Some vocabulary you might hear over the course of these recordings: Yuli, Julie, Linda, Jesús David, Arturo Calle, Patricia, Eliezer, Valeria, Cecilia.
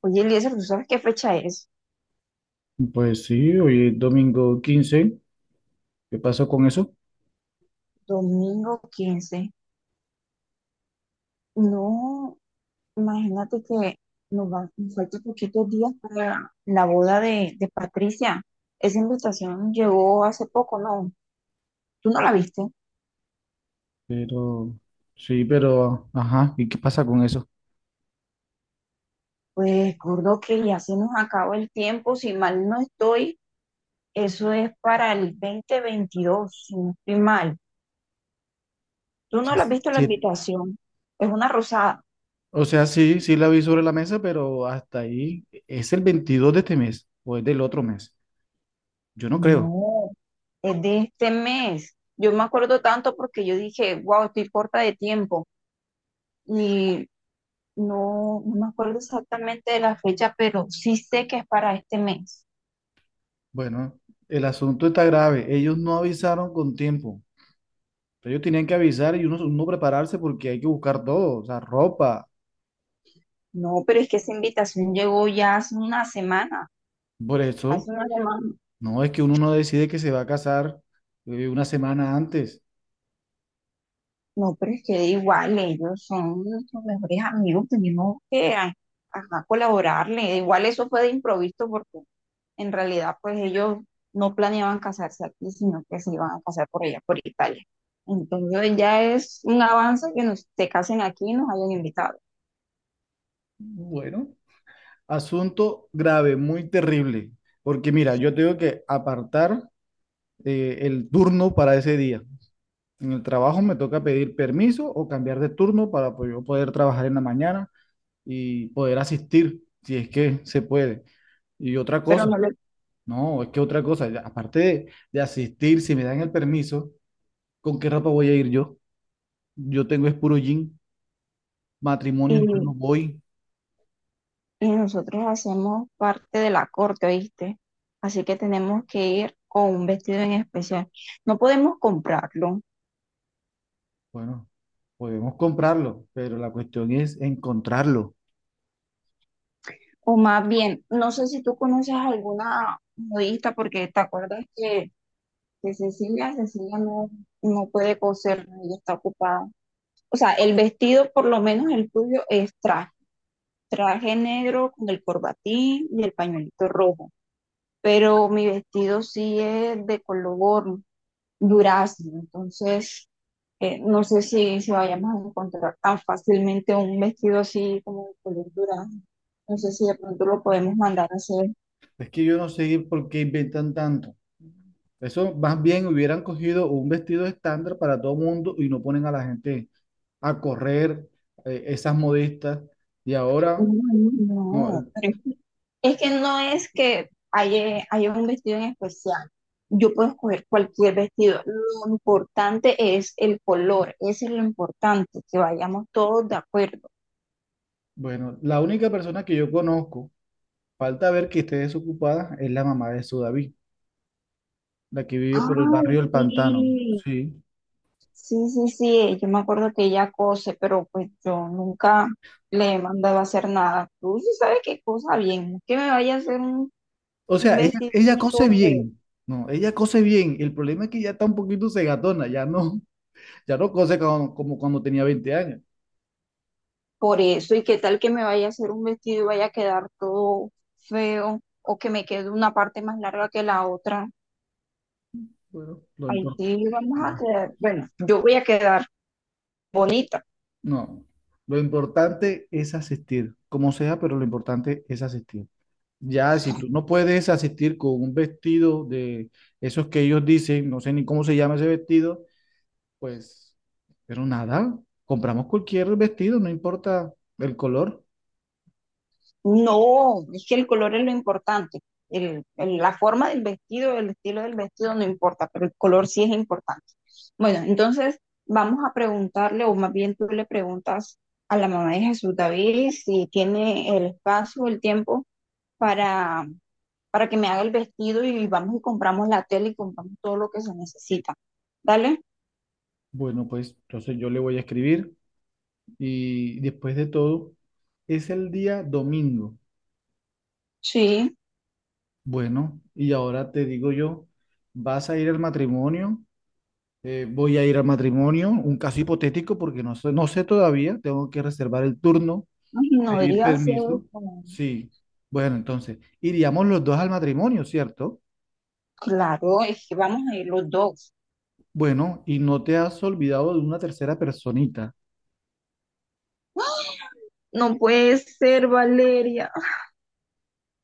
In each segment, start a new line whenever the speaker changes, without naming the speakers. Oye, Eliezer, ¿tú sabes qué fecha es?
Pues sí, hoy es domingo 15. ¿Qué pasó con eso?
Domingo 15. No, imagínate que nos faltan poquitos días para la boda de Patricia. Esa invitación llegó hace poco, ¿no? ¿Tú no la viste?
Pero, sí, pero, ajá, ¿y qué pasa con eso?
Pues recuerdo que ya se nos acaba el tiempo, si mal no estoy, eso es para el 2022, si no estoy mal. ¿Tú
O
no
sea,
la has visto la
sí,
invitación? Es una rosada.
o sea, sí, sí la vi sobre la mesa, pero hasta ahí es el 22 de este mes o es del otro mes. Yo no creo.
No, es de este mes. Yo me acuerdo tanto porque yo dije, wow, estoy corta de tiempo. Y no, no me acuerdo exactamente de la fecha, pero sí sé que es para este mes.
Bueno, el asunto está grave. Ellos no avisaron con tiempo. Ellos tenían que avisar y uno prepararse porque hay que buscar todo, o sea, ropa.
No, pero es que esa invitación llegó ya hace una semana,
Por
hace
eso,
una semana.
no es que uno no decide que se va a casar una semana antes.
No, pero es que igual ellos son nuestros mejores amigos, tenemos que ajá, colaborarle. Igual eso fue de improviso porque en realidad, pues ellos no planeaban casarse aquí, sino que se iban a casar por allá, por Italia. Entonces ya es un avance que nos se casen aquí y nos hayan invitado.
Bueno. Asunto grave, muy terrible, porque mira, yo tengo que apartar el turno para ese día. En el trabajo me toca pedir permiso o cambiar de turno para pues, yo poder trabajar en la mañana y poder asistir, si es que se puede. Y otra
Pero
cosa,
no le-
no, es que otra cosa, ya, aparte de asistir, si me dan el permiso, ¿con qué ropa voy a ir yo? Yo tengo es puro jean, matrimonio yo no
y,
voy.
y nosotros hacemos parte de la corte, ¿oíste? Así que tenemos que ir con un vestido en especial. No podemos comprarlo.
Bueno, podemos comprarlo, pero la cuestión es encontrarlo.
O más bien, no sé si tú conoces alguna modista, porque te acuerdas que Cecilia, Cecilia no, no puede coser, ella está ocupada. O sea, el vestido, por lo menos el tuyo, es traje, traje negro con el corbatín y el pañuelito rojo. Pero mi vestido sí es de color durazno, entonces no sé si vayamos a encontrar tan fácilmente un vestido así como de color durazno. No sé si de pronto lo podemos mandar a hacer.
Es que yo no sé por qué inventan tanto. Eso más bien hubieran cogido un vestido estándar para todo mundo y no ponen a la gente a correr esas modistas. Y
No,
ahora,
no,
no,
no,
el-
Es que no es que haya un vestido en especial. Yo puedo escoger cualquier vestido. Lo importante es el color. Eso es lo importante, que vayamos todos de acuerdo.
bueno, la única persona que yo conozco, falta ver que esté desocupada, es la mamá de Sudaví, la que vive por el barrio
Ay,
El Pantano.
sí.
Sí.
Sí, sí, sí. Yo me acuerdo que ella cose, pero pues yo nunca le he mandado a hacer nada. Tú sí sabes qué cosa bien. No es que me vaya a hacer
O
un
sea, ella,
vestido
ella
y todo
cose
feo.
bien. No, ella cose bien. El problema es que ya está un poquito segatona, ya no, ya no cose como, como cuando tenía 20 años.
Por eso, ¿y qué tal que me vaya a hacer un vestido y vaya a quedar todo feo o que me quede una parte más larga que la otra?
Bueno, lo
Ahí
importante.
sí vamos a
No,
quedar, bueno, yo voy a quedar bonita.
no. Lo importante es asistir, como sea, pero lo importante es asistir. Ya, si tú no puedes asistir con un vestido de esos que ellos dicen, no sé ni cómo se llama ese vestido, pues, pero nada, compramos cualquier vestido, no importa el color.
No, es que el color es lo importante. La forma del vestido, el estilo del vestido no importa, pero el color sí es importante. Bueno, entonces vamos a preguntarle, o más bien tú le preguntas a la mamá de Jesús David si tiene el espacio, el tiempo para para que me haga el vestido y vamos y compramos la tela y compramos todo lo que se necesita. ¿Dale?
Bueno, pues entonces yo le voy a escribir y después de todo, es el día domingo.
Sí.
Bueno, y ahora te digo yo, ¿vas a ir al matrimonio? Voy a ir al matrimonio, un caso hipotético porque no sé, no sé todavía, tengo que reservar el turno,
Ay, no
pedir
digas eso.
permiso. Sí, bueno, entonces, iríamos los dos al matrimonio, ¿cierto?
Claro, es que vamos a ir los dos.
Bueno, y no te has olvidado de una tercera personita.
No puede ser, Valeria.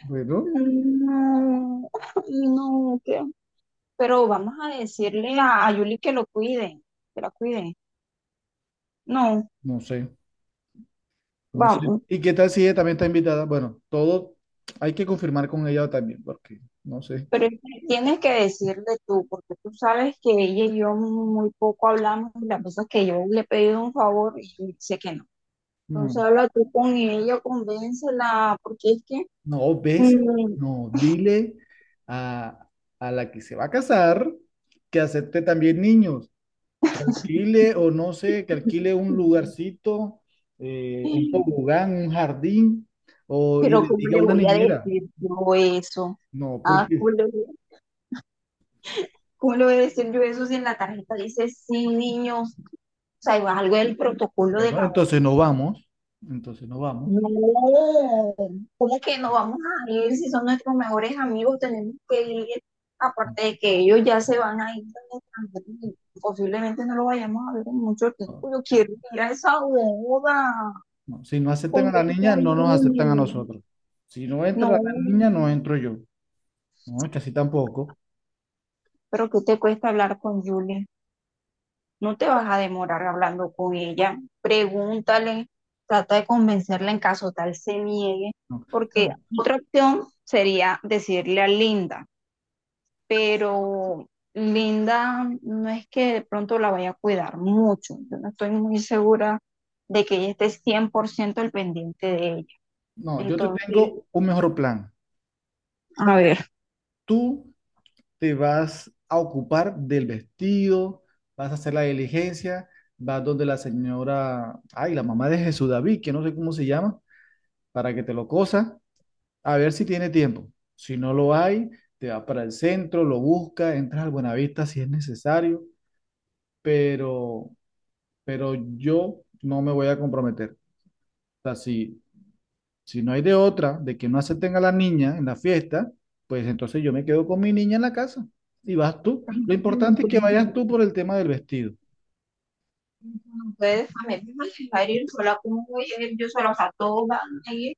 Bueno,
No, no, ¿qué? Pero vamos a decirle a Yuli que lo cuide, que la cuide. No,
no sé, no sé.
vamos,
¿Y qué tal si ella también está invitada? Bueno, todo hay que confirmar con ella también, porque no sé.
pero es que tienes que decirle tú, porque tú sabes que ella y yo muy poco hablamos y las veces que yo le he pedido un favor y dice que no. Entonces
No,
habla tú con ella, convéncela, porque es que,
no, ves,
mm,
no, dile a, a la que se va a casar que acepte también niños. Que alquile o no sé, que alquile un lugarcito, un tobogán, un jardín, o, y
pero
le
¿cómo
diga
le
a una
voy a
niñera.
decir yo eso?
No,
Ah,
porque,
¿cómo le voy a decir yo eso si en la tarjeta dice sin niños? O sea, es algo del protocolo de
bueno,
la U.
entonces no vamos, entonces no vamos.
No, ¿cómo que no
No,
vamos a ir si son nuestros mejores amigos? Tenemos que ir, aparte de que ellos ya se van a ir al extranjero y posiblemente no lo vayamos a ver en mucho tiempo. Yo quiero ir a esa boda.
no. Si no aceptan a la
Convence a
niña, no nos aceptan a
Julie.
nosotros. Si no entra la
No,
niña, no entro yo. No, casi tampoco.
pero ¿qué te cuesta hablar con Julie? No te vas a demorar hablando con ella. Pregúntale, trata de convencerla en caso tal se niegue,
No, no,
porque
no,
otra opción sería decirle a Linda, pero Linda no es que de pronto la vaya a cuidar mucho. Yo no estoy muy segura de que ella esté 100% al pendiente de ella.
no, yo te
Entonces,
tengo un mejor plan.
a ver.
Tú te vas a ocupar del vestido, vas a hacer la diligencia, vas donde la señora, ay, la mamá de Jesús David, que no sé cómo se llama, para que te lo cosa, a ver si tiene tiempo. Si no lo hay, te vas para el centro, lo buscas, entras al Buenavista si es necesario, pero, pero yo no me voy a comprometer. O sea, si, si no hay de otra, de que no acepten a la niña en la fiesta, pues entonces yo me quedo con mi niña en la casa y vas tú. Lo importante es que vayas tú por el tema del vestido.
Ustedes también me van a dejar ir sola como voy a ir yo sola, o sea, todos van a ir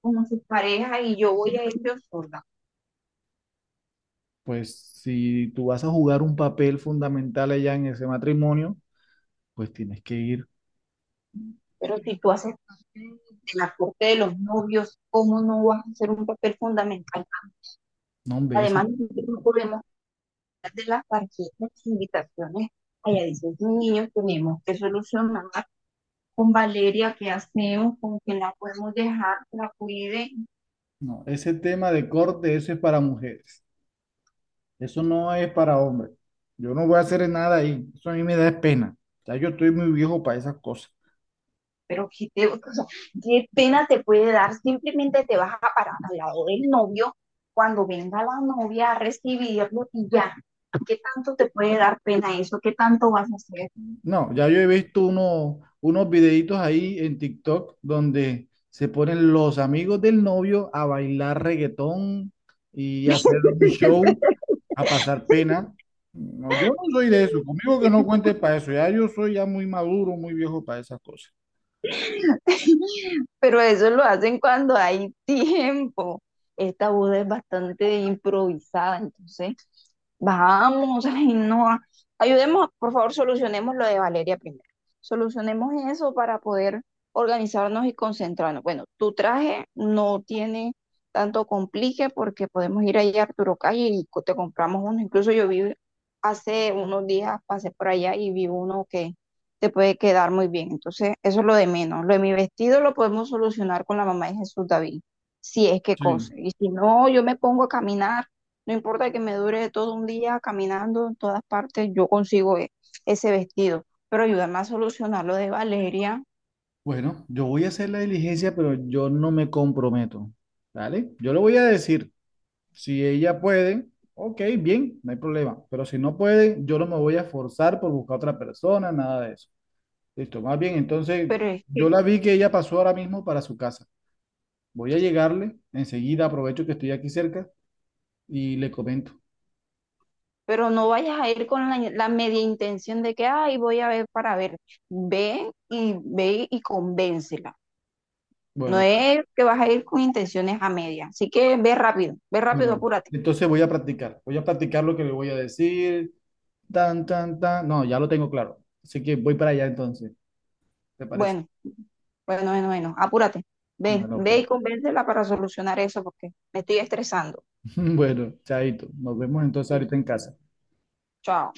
como sus parejas y yo voy a ir yo sola.
Pues si tú vas a jugar un papel fundamental allá en ese matrimonio, pues tienes que ir.
Pero si tú haces parte de la corte de los novios, ¿cómo no vas a hacer un papel fundamental?
No, hombre, ese,
Además, nosotros no podemos hablar de las tarjetas de invitaciones. Allá dicen niños, tenemos que solucionar con Valeria qué hacemos, con quién la podemos dejar, que la cuide,
no, ese tema de corte, eso es para mujeres. Eso no es para hombres. Yo no voy a hacer nada ahí. Eso a mí me da pena. Ya yo estoy muy viejo para esas cosas.
pero o sea, qué pena te puede dar, simplemente te vas a parar al lado del novio cuando venga la novia a recibirlo y ya. ¿Qué tanto te puede dar pena eso? ¿Qué tanto vas a hacer?
No, ya yo he visto unos videitos ahí en TikTok donde se ponen los amigos del novio a bailar reggaetón y hacer un show a pasar pena. No, yo no soy de eso. Conmigo que no cuente para eso. Ya yo soy ya muy maduro, muy viejo para esas cosas.
Pero eso lo hacen cuando hay tiempo. Esta boda es bastante improvisada, entonces vamos, ay, no, ayudemos, por favor, solucionemos lo de Valeria primero. Solucionemos eso para poder organizarnos y concentrarnos. Bueno, tu traje no tiene tanto complique porque podemos ir allá a Arturo Calle y te compramos uno. Incluso yo vi hace unos días, pasé por allá y vi uno que te puede quedar muy bien. Entonces, eso es lo de menos. Lo de mi vestido lo podemos solucionar con la mamá de Jesús David, si es que
Sí.
cose. Y si no, yo me pongo a caminar, no importa que me dure todo un día caminando en todas partes, yo consigo ese vestido. Pero ayúdame a solucionar lo de Valeria,
Bueno, yo voy a hacer la diligencia, pero yo no me comprometo. ¿Vale? Yo lo voy a decir. Si ella puede, ok, bien, no hay problema. Pero si no puede, yo no me voy a forzar por buscar otra persona, nada de eso. Listo, más bien, entonces
pero es
yo
que,
la vi que ella pasó ahora mismo para su casa. Voy a llegarle, enseguida aprovecho que estoy aquí cerca y le comento.
pero no vayas a ir con la media intención de que, ay, voy a ver para ver. Ve y ve y convéncela. No
Bueno,
es que vas a ir con intenciones a media. Así que ve rápido,
bueno,
apúrate.
entonces voy a practicar. Voy a practicar lo que le voy a decir. Tan, tan, tan. No, ya lo tengo claro. Así que voy para allá entonces, ¿te parece?
Bueno, bueno, apúrate. Ve,
Bueno,
ve
pues.
y convéncela para solucionar eso porque me estoy estresando.
Bueno, chaito. Nos vemos entonces
Bien.
ahorita en casa.
Chao.